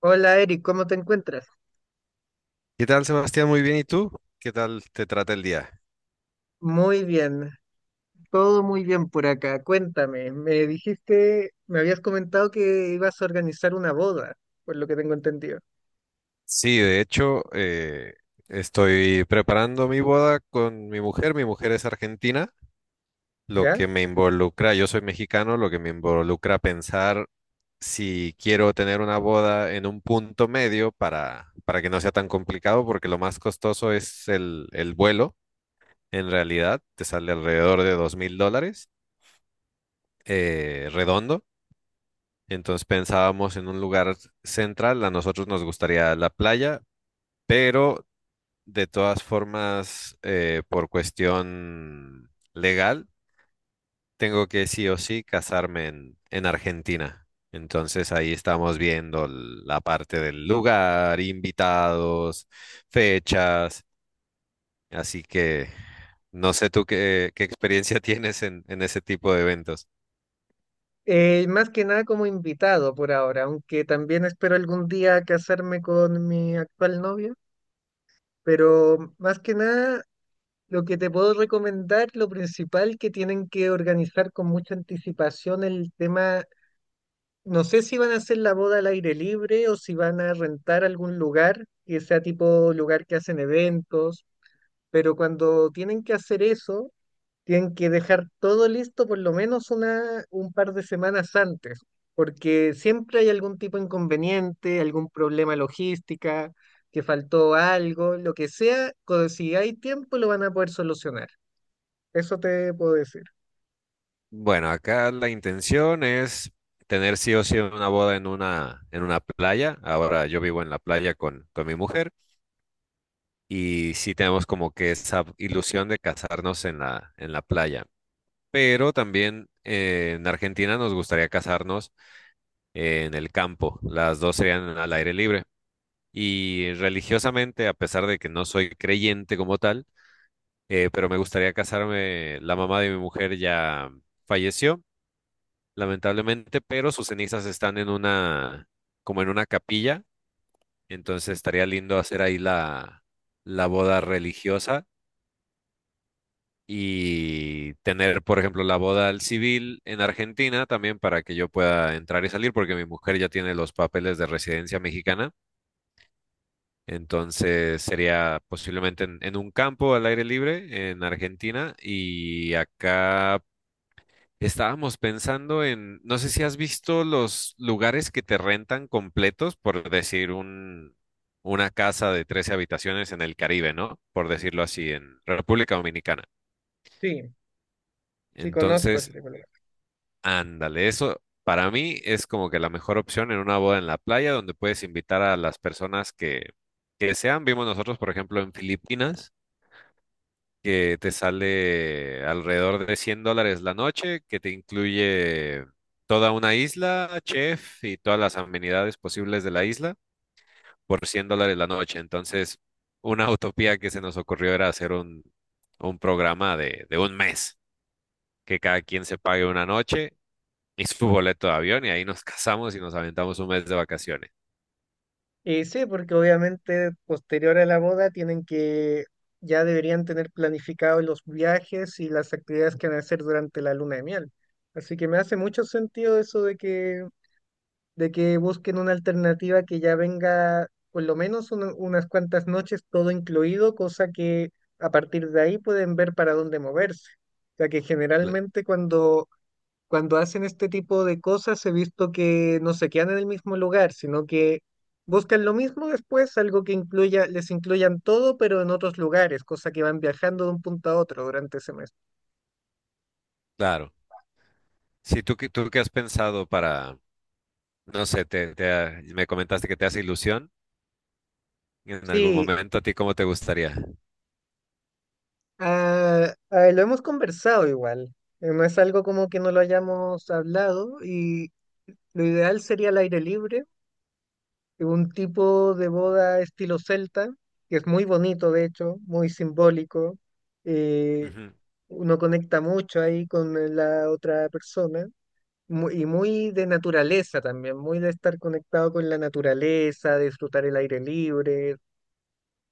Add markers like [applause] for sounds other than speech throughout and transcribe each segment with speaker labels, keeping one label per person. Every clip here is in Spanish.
Speaker 1: Hola Eric, ¿cómo te encuentras?
Speaker 2: ¿Qué tal, Sebastián? Muy bien. ¿Y tú? ¿Qué tal te trata el día?
Speaker 1: Muy bien, todo muy bien por acá. Cuéntame, me habías comentado que ibas a organizar una boda, por lo que tengo entendido.
Speaker 2: Sí, de hecho, estoy preparando mi boda con mi mujer. Mi mujer es argentina, lo
Speaker 1: ¿Ya?
Speaker 2: que me involucra, yo soy mexicano, lo que me involucra pensar si quiero tener una boda en un punto medio para que no sea tan complicado, porque lo más costoso es el vuelo. En realidad, te sale alrededor de $2000, redondo. Entonces pensábamos en un lugar central. A nosotros nos gustaría la playa, pero de todas formas, por cuestión legal, tengo que sí o sí casarme en Argentina. Entonces ahí estamos viendo la parte del lugar, invitados, fechas. Así que no sé tú qué experiencia [laughs] tienes en ese tipo de eventos.
Speaker 1: Más que nada como invitado por ahora, aunque también espero algún día casarme con mi actual novia, pero más que nada lo que te puedo recomendar, lo principal que tienen que organizar con mucha anticipación el tema. No sé si van a hacer la boda al aire libre o si van a rentar algún lugar que sea tipo lugar que hacen eventos, pero cuando tienen que hacer eso, tienen que dejar todo listo por lo menos un par de semanas antes, porque siempre hay algún tipo de inconveniente, algún problema logística, que faltó algo, lo que sea, si hay tiempo lo van a poder solucionar. Eso te puedo decir.
Speaker 2: Bueno, acá la intención es tener sí o sí una boda en en una playa. Ahora yo vivo en la playa con mi mujer y sí tenemos como que esa ilusión de casarnos en en la playa. Pero también en Argentina nos gustaría casarnos en el campo. Las dos serían al aire libre. Y religiosamente, a pesar de que no soy creyente como tal, pero me gustaría casarme, la mamá de mi mujer ya falleció. Lamentablemente, pero sus cenizas están en una, como en una capilla, entonces estaría lindo hacer ahí la boda religiosa y tener, por ejemplo, la boda al civil en Argentina también para que yo pueda entrar y salir, porque mi mujer ya tiene los papeles de residencia mexicana, entonces sería posiblemente en un campo al aire libre en Argentina y acá estábamos pensando en, no sé si has visto los lugares que te rentan completos, por decir una casa de 13 habitaciones en el Caribe, ¿no? Por decirlo así, en República Dominicana.
Speaker 1: Sí, sí conozco
Speaker 2: Entonces,
Speaker 1: ese tipo.
Speaker 2: ándale, eso para mí es como que la mejor opción en una boda en la playa donde puedes invitar a las personas que sean. Vimos nosotros, por ejemplo, en Filipinas que te sale alrededor de $100 la noche, que te incluye toda una isla, chef y todas las amenidades posibles de la isla por $100 la noche. Entonces, una utopía que se nos ocurrió era hacer un programa de 1 mes, que cada quien se pague una noche y su boleto de avión y ahí nos [laughs] casamos y nos aventamos 1 mes de vacaciones.
Speaker 1: Sí, porque obviamente posterior a la boda tienen que, ya deberían tener planificados los viajes y las actividades que van a hacer durante la luna de miel. Así que me hace mucho sentido eso de que busquen una alternativa que ya venga por lo menos unas cuantas noches todo incluido, cosa que a partir de ahí pueden ver para dónde moverse. O sea que
Speaker 2: Cl-
Speaker 1: generalmente cuando hacen este tipo de cosas he visto que no se quedan en el mismo lugar, sino que buscan lo mismo después, algo que incluya, les incluyan todo, pero en otros lugares, cosa que van viajando de un punto a otro durante ese mes.
Speaker 2: Claro. Si tú, tú qué has pensado para, no sé, me comentaste que te hace ilusión. En algún
Speaker 1: Sí,
Speaker 2: momento, ¿a ti cómo te gustaría?
Speaker 1: lo hemos conversado igual. No es algo como que no lo hayamos hablado y lo ideal sería al aire libre, un tipo de boda estilo celta, que es muy bonito de hecho, muy simbólico. Eh,
Speaker 2: Ujú.
Speaker 1: uno conecta mucho ahí con la otra persona y muy de naturaleza también, muy de estar conectado con la naturaleza, de disfrutar el aire libre.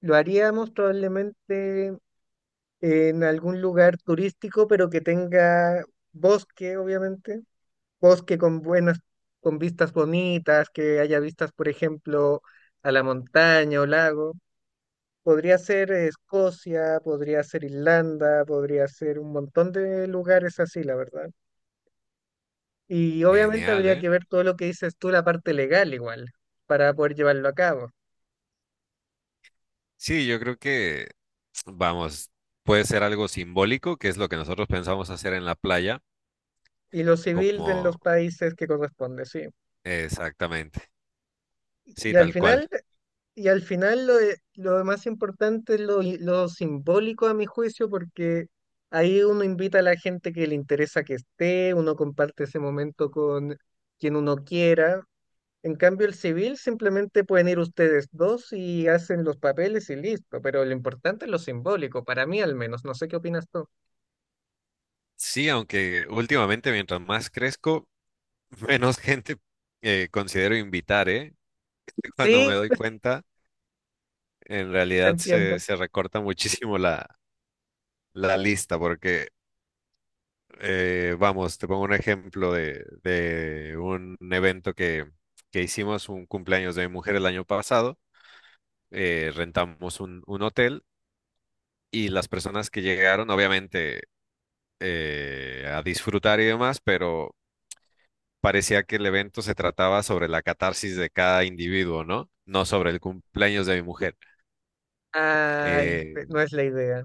Speaker 1: Lo haríamos probablemente en algún lugar turístico, pero que tenga bosque, obviamente, bosque con buenas, con vistas bonitas, que haya vistas, por ejemplo, a la montaña o lago. Podría ser Escocia, podría ser Irlanda, podría ser un montón de lugares así, la verdad. Y obviamente
Speaker 2: Genial,
Speaker 1: habría
Speaker 2: ¿eh?
Speaker 1: que ver todo lo que dices tú, la parte legal igual, para poder llevarlo a cabo.
Speaker 2: Sí, yo creo que, vamos, puede ser algo simbólico, que es lo que nosotros pensamos hacer en la playa,
Speaker 1: Y lo civil de en los
Speaker 2: como
Speaker 1: países que corresponde, sí.
Speaker 2: exactamente, sí,
Speaker 1: Y al
Speaker 2: tal cual.
Speaker 1: final, y al final lo más importante es lo simbólico a mi juicio, porque ahí uno invita a la gente que le interesa que esté, uno comparte ese momento con quien uno quiera. En cambio, el civil simplemente pueden ir ustedes dos y hacen los papeles y listo. Pero lo importante es lo simbólico, para mí al menos. No sé qué opinas tú.
Speaker 2: Sí, aunque últimamente mientras más crezco, [laughs] menos gente considero invitar, ¿eh? [laughs] Cuando me
Speaker 1: Sí,
Speaker 2: doy cuenta, en
Speaker 1: sí te
Speaker 2: realidad
Speaker 1: entiendo.
Speaker 2: se recorta muchísimo la lista, porque vamos, te pongo un ejemplo de un evento que hicimos, un cumpleaños de mi mujer el año pasado. Rentamos un hotel y las personas que llegaron, obviamente, a disfrutar y demás, pero parecía que el evento se trataba sobre la catarsis de cada individuo, ¿no? No sobre el cumpleaños de mi mujer.
Speaker 1: Ay,
Speaker 2: Eh,
Speaker 1: no es la idea.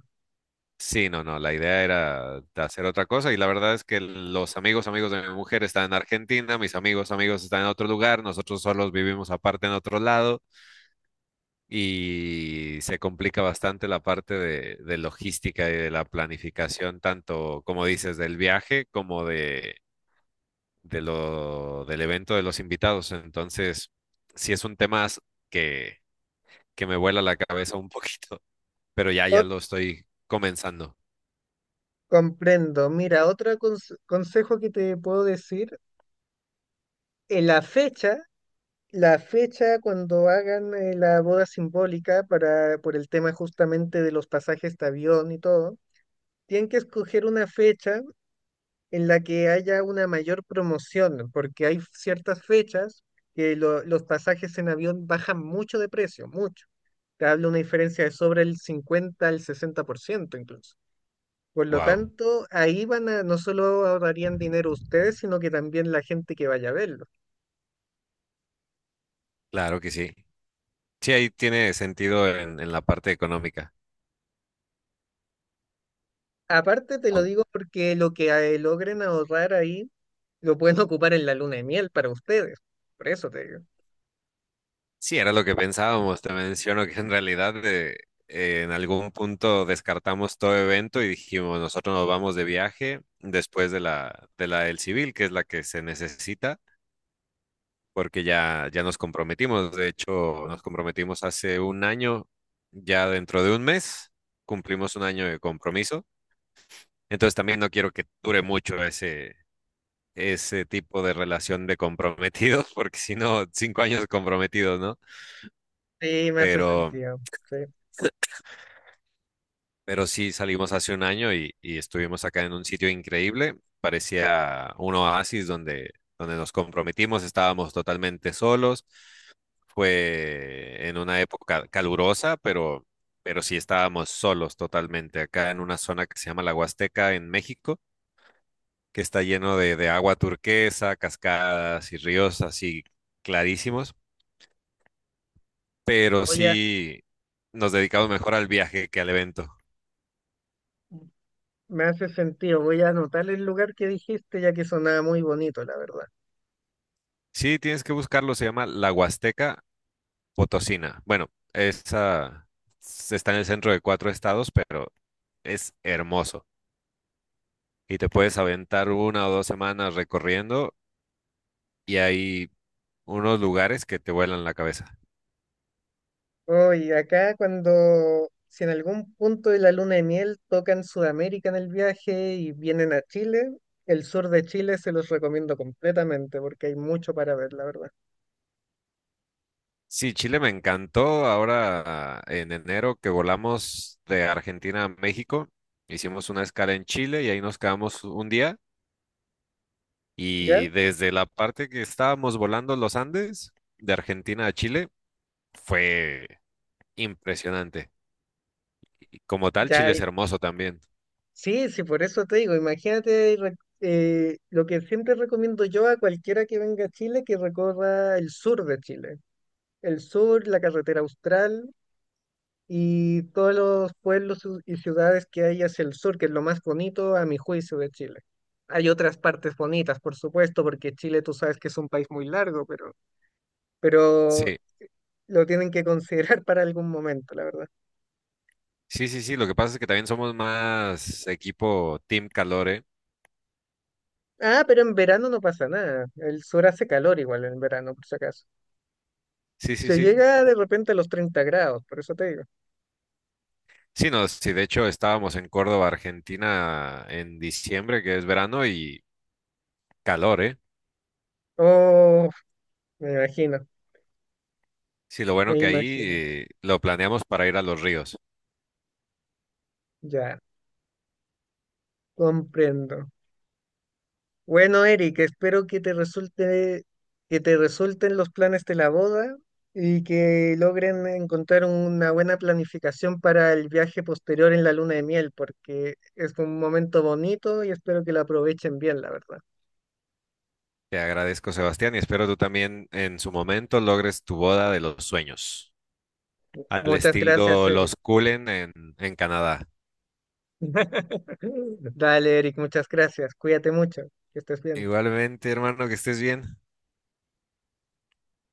Speaker 2: Sí, no, no, la idea era de hacer otra cosa y la verdad es que los amigos, amigos de mi mujer están en Argentina, mis amigos, amigos están en otro lugar, nosotros solos vivimos aparte en otro lado y se complica bastante la parte de logística y de la planificación, tanto como dices, del viaje como del evento de los invitados. Entonces, sí es un tema que, que me vuela la cabeza un poquito, pero ya
Speaker 1: O-
Speaker 2: lo estoy comenzando.
Speaker 1: Comprendo. Mira, otro consejo que te puedo decir, eh, la fecha, la fecha cuando hagan la boda simbólica, para, por el tema justamente de los pasajes de avión y todo, tienen que escoger una fecha en la que haya una mayor promoción, porque hay ciertas fechas que los pasajes en avión bajan mucho de precio, mucho. Te hablo una diferencia de sobre el 50% al 60% incluso. Por lo
Speaker 2: Wow,
Speaker 1: tanto, ahí van a, no solo ahorrarían dinero ustedes, sino que también la gente que vaya a verlo.
Speaker 2: claro que sí. Sí, ahí tiene sentido en la parte económica.
Speaker 1: Aparte, te lo
Speaker 2: Aun-
Speaker 1: digo porque lo que logren ahorrar ahí lo pueden [laughs] ocupar en la luna de miel para ustedes. Por eso te digo.
Speaker 2: Sí, era lo que pensábamos. Te menciono que en realidad en algún punto descartamos todo evento y dijimos, nosotros nos vamos de viaje después de de la del civil, que es la que se necesita, porque ya nos comprometimos. De hecho, nos comprometimos hace 1 año, ya dentro de 1 mes cumplimos 1 año de compromiso. Entonces también no quiero que dure mucho ese tipo de relación de comprometidos, [laughs] porque si no, 5 años comprometidos, ¿no?
Speaker 1: Sí, me hace
Speaker 2: Pero,
Speaker 1: sentido. Sí.
Speaker 2: pero sí salimos hace 1 año y estuvimos acá en un sitio increíble, parecía un oasis donde, donde nos comprometimos, estábamos totalmente solos, fue en una época calurosa, pero sí estábamos solos totalmente acá en una zona que se llama la Huasteca en México que está lleno de agua turquesa, cascadas y ríos así clarísimos pero
Speaker 1: Voy a-
Speaker 2: sí nos dedicamos mejor al viaje que al evento.
Speaker 1: Me hace sentido. Voy a anotar el lugar que dijiste, ya que sonaba muy bonito, la verdad.
Speaker 2: Sí, tienes que buscarlo, se llama La Huasteca Potosina. Bueno, esa está en el centro de 4 estados, pero es hermoso. Y te puedes aventar una o 2 semanas recorriendo y hay unos lugares que te vuelan la cabeza.
Speaker 1: Hoy, acá cuando, si en algún punto de la luna de miel tocan Sudamérica en el viaje y vienen a Chile, el sur de Chile se los recomiendo completamente porque hay mucho para ver, la verdad.
Speaker 2: Sí, Chile me encantó. Ahora en enero que volamos de Argentina a México, hicimos una escala en Chile y ahí nos quedamos 1 día
Speaker 1: ¿Ya?
Speaker 2: y desde la parte que estábamos volando los Andes, de Argentina a Chile, fue impresionante. Y como tal,
Speaker 1: Ya
Speaker 2: Chile es
Speaker 1: hay.
Speaker 2: hermoso también.
Speaker 1: Sí, sí, por eso te digo, imagínate lo que siempre recomiendo yo a cualquiera que venga a Chile, que recorra el sur de Chile. El sur, la carretera austral, y todos los pueblos y ciudades que hay hacia el sur, que es lo más bonito a mi juicio de Chile. Hay otras partes bonitas, por supuesto, porque Chile tú sabes que es un país muy largo, pero
Speaker 2: Sí,
Speaker 1: lo tienen que considerar [laughs] para algún momento, la verdad.
Speaker 2: sí, sí, sí. Lo que pasa es que también somos más equipo Team Calore.
Speaker 1: Ah, pero en verano no pasa nada. El sur hace calor igual en verano, por si acaso.
Speaker 2: Sí, sí,
Speaker 1: Se
Speaker 2: sí.
Speaker 1: llega de repente a los 30 grados, por eso te digo.
Speaker 2: Sí, no, sí, de hecho estábamos en Córdoba, Argentina, en diciembre, que es verano, y calor, ¿eh?
Speaker 1: Oh, me imagino,
Speaker 2: Sí, lo bueno
Speaker 1: me
Speaker 2: que ahí
Speaker 1: imagino.
Speaker 2: lo planeamos para ir a los ríos.
Speaker 1: Ya, comprendo. Bueno, Eric, espero que te resulte, que te resulten los planes de la boda y que logren encontrar una buena planificación para el viaje posterior en la luna de miel, porque es un momento bonito y espero que lo aprovechen bien, la verdad.
Speaker 2: Te agradezco, Sebastián, y espero tú también en su momento logres tu boda de los sueños. Al
Speaker 1: Muchas gracias,
Speaker 2: estilo
Speaker 1: Eric.
Speaker 2: los Cullen en Canadá.
Speaker 1: [laughs] Dale, Eric, muchas gracias. Cuídate mucho, que estés bien.
Speaker 2: Igualmente, hermano, que estés bien.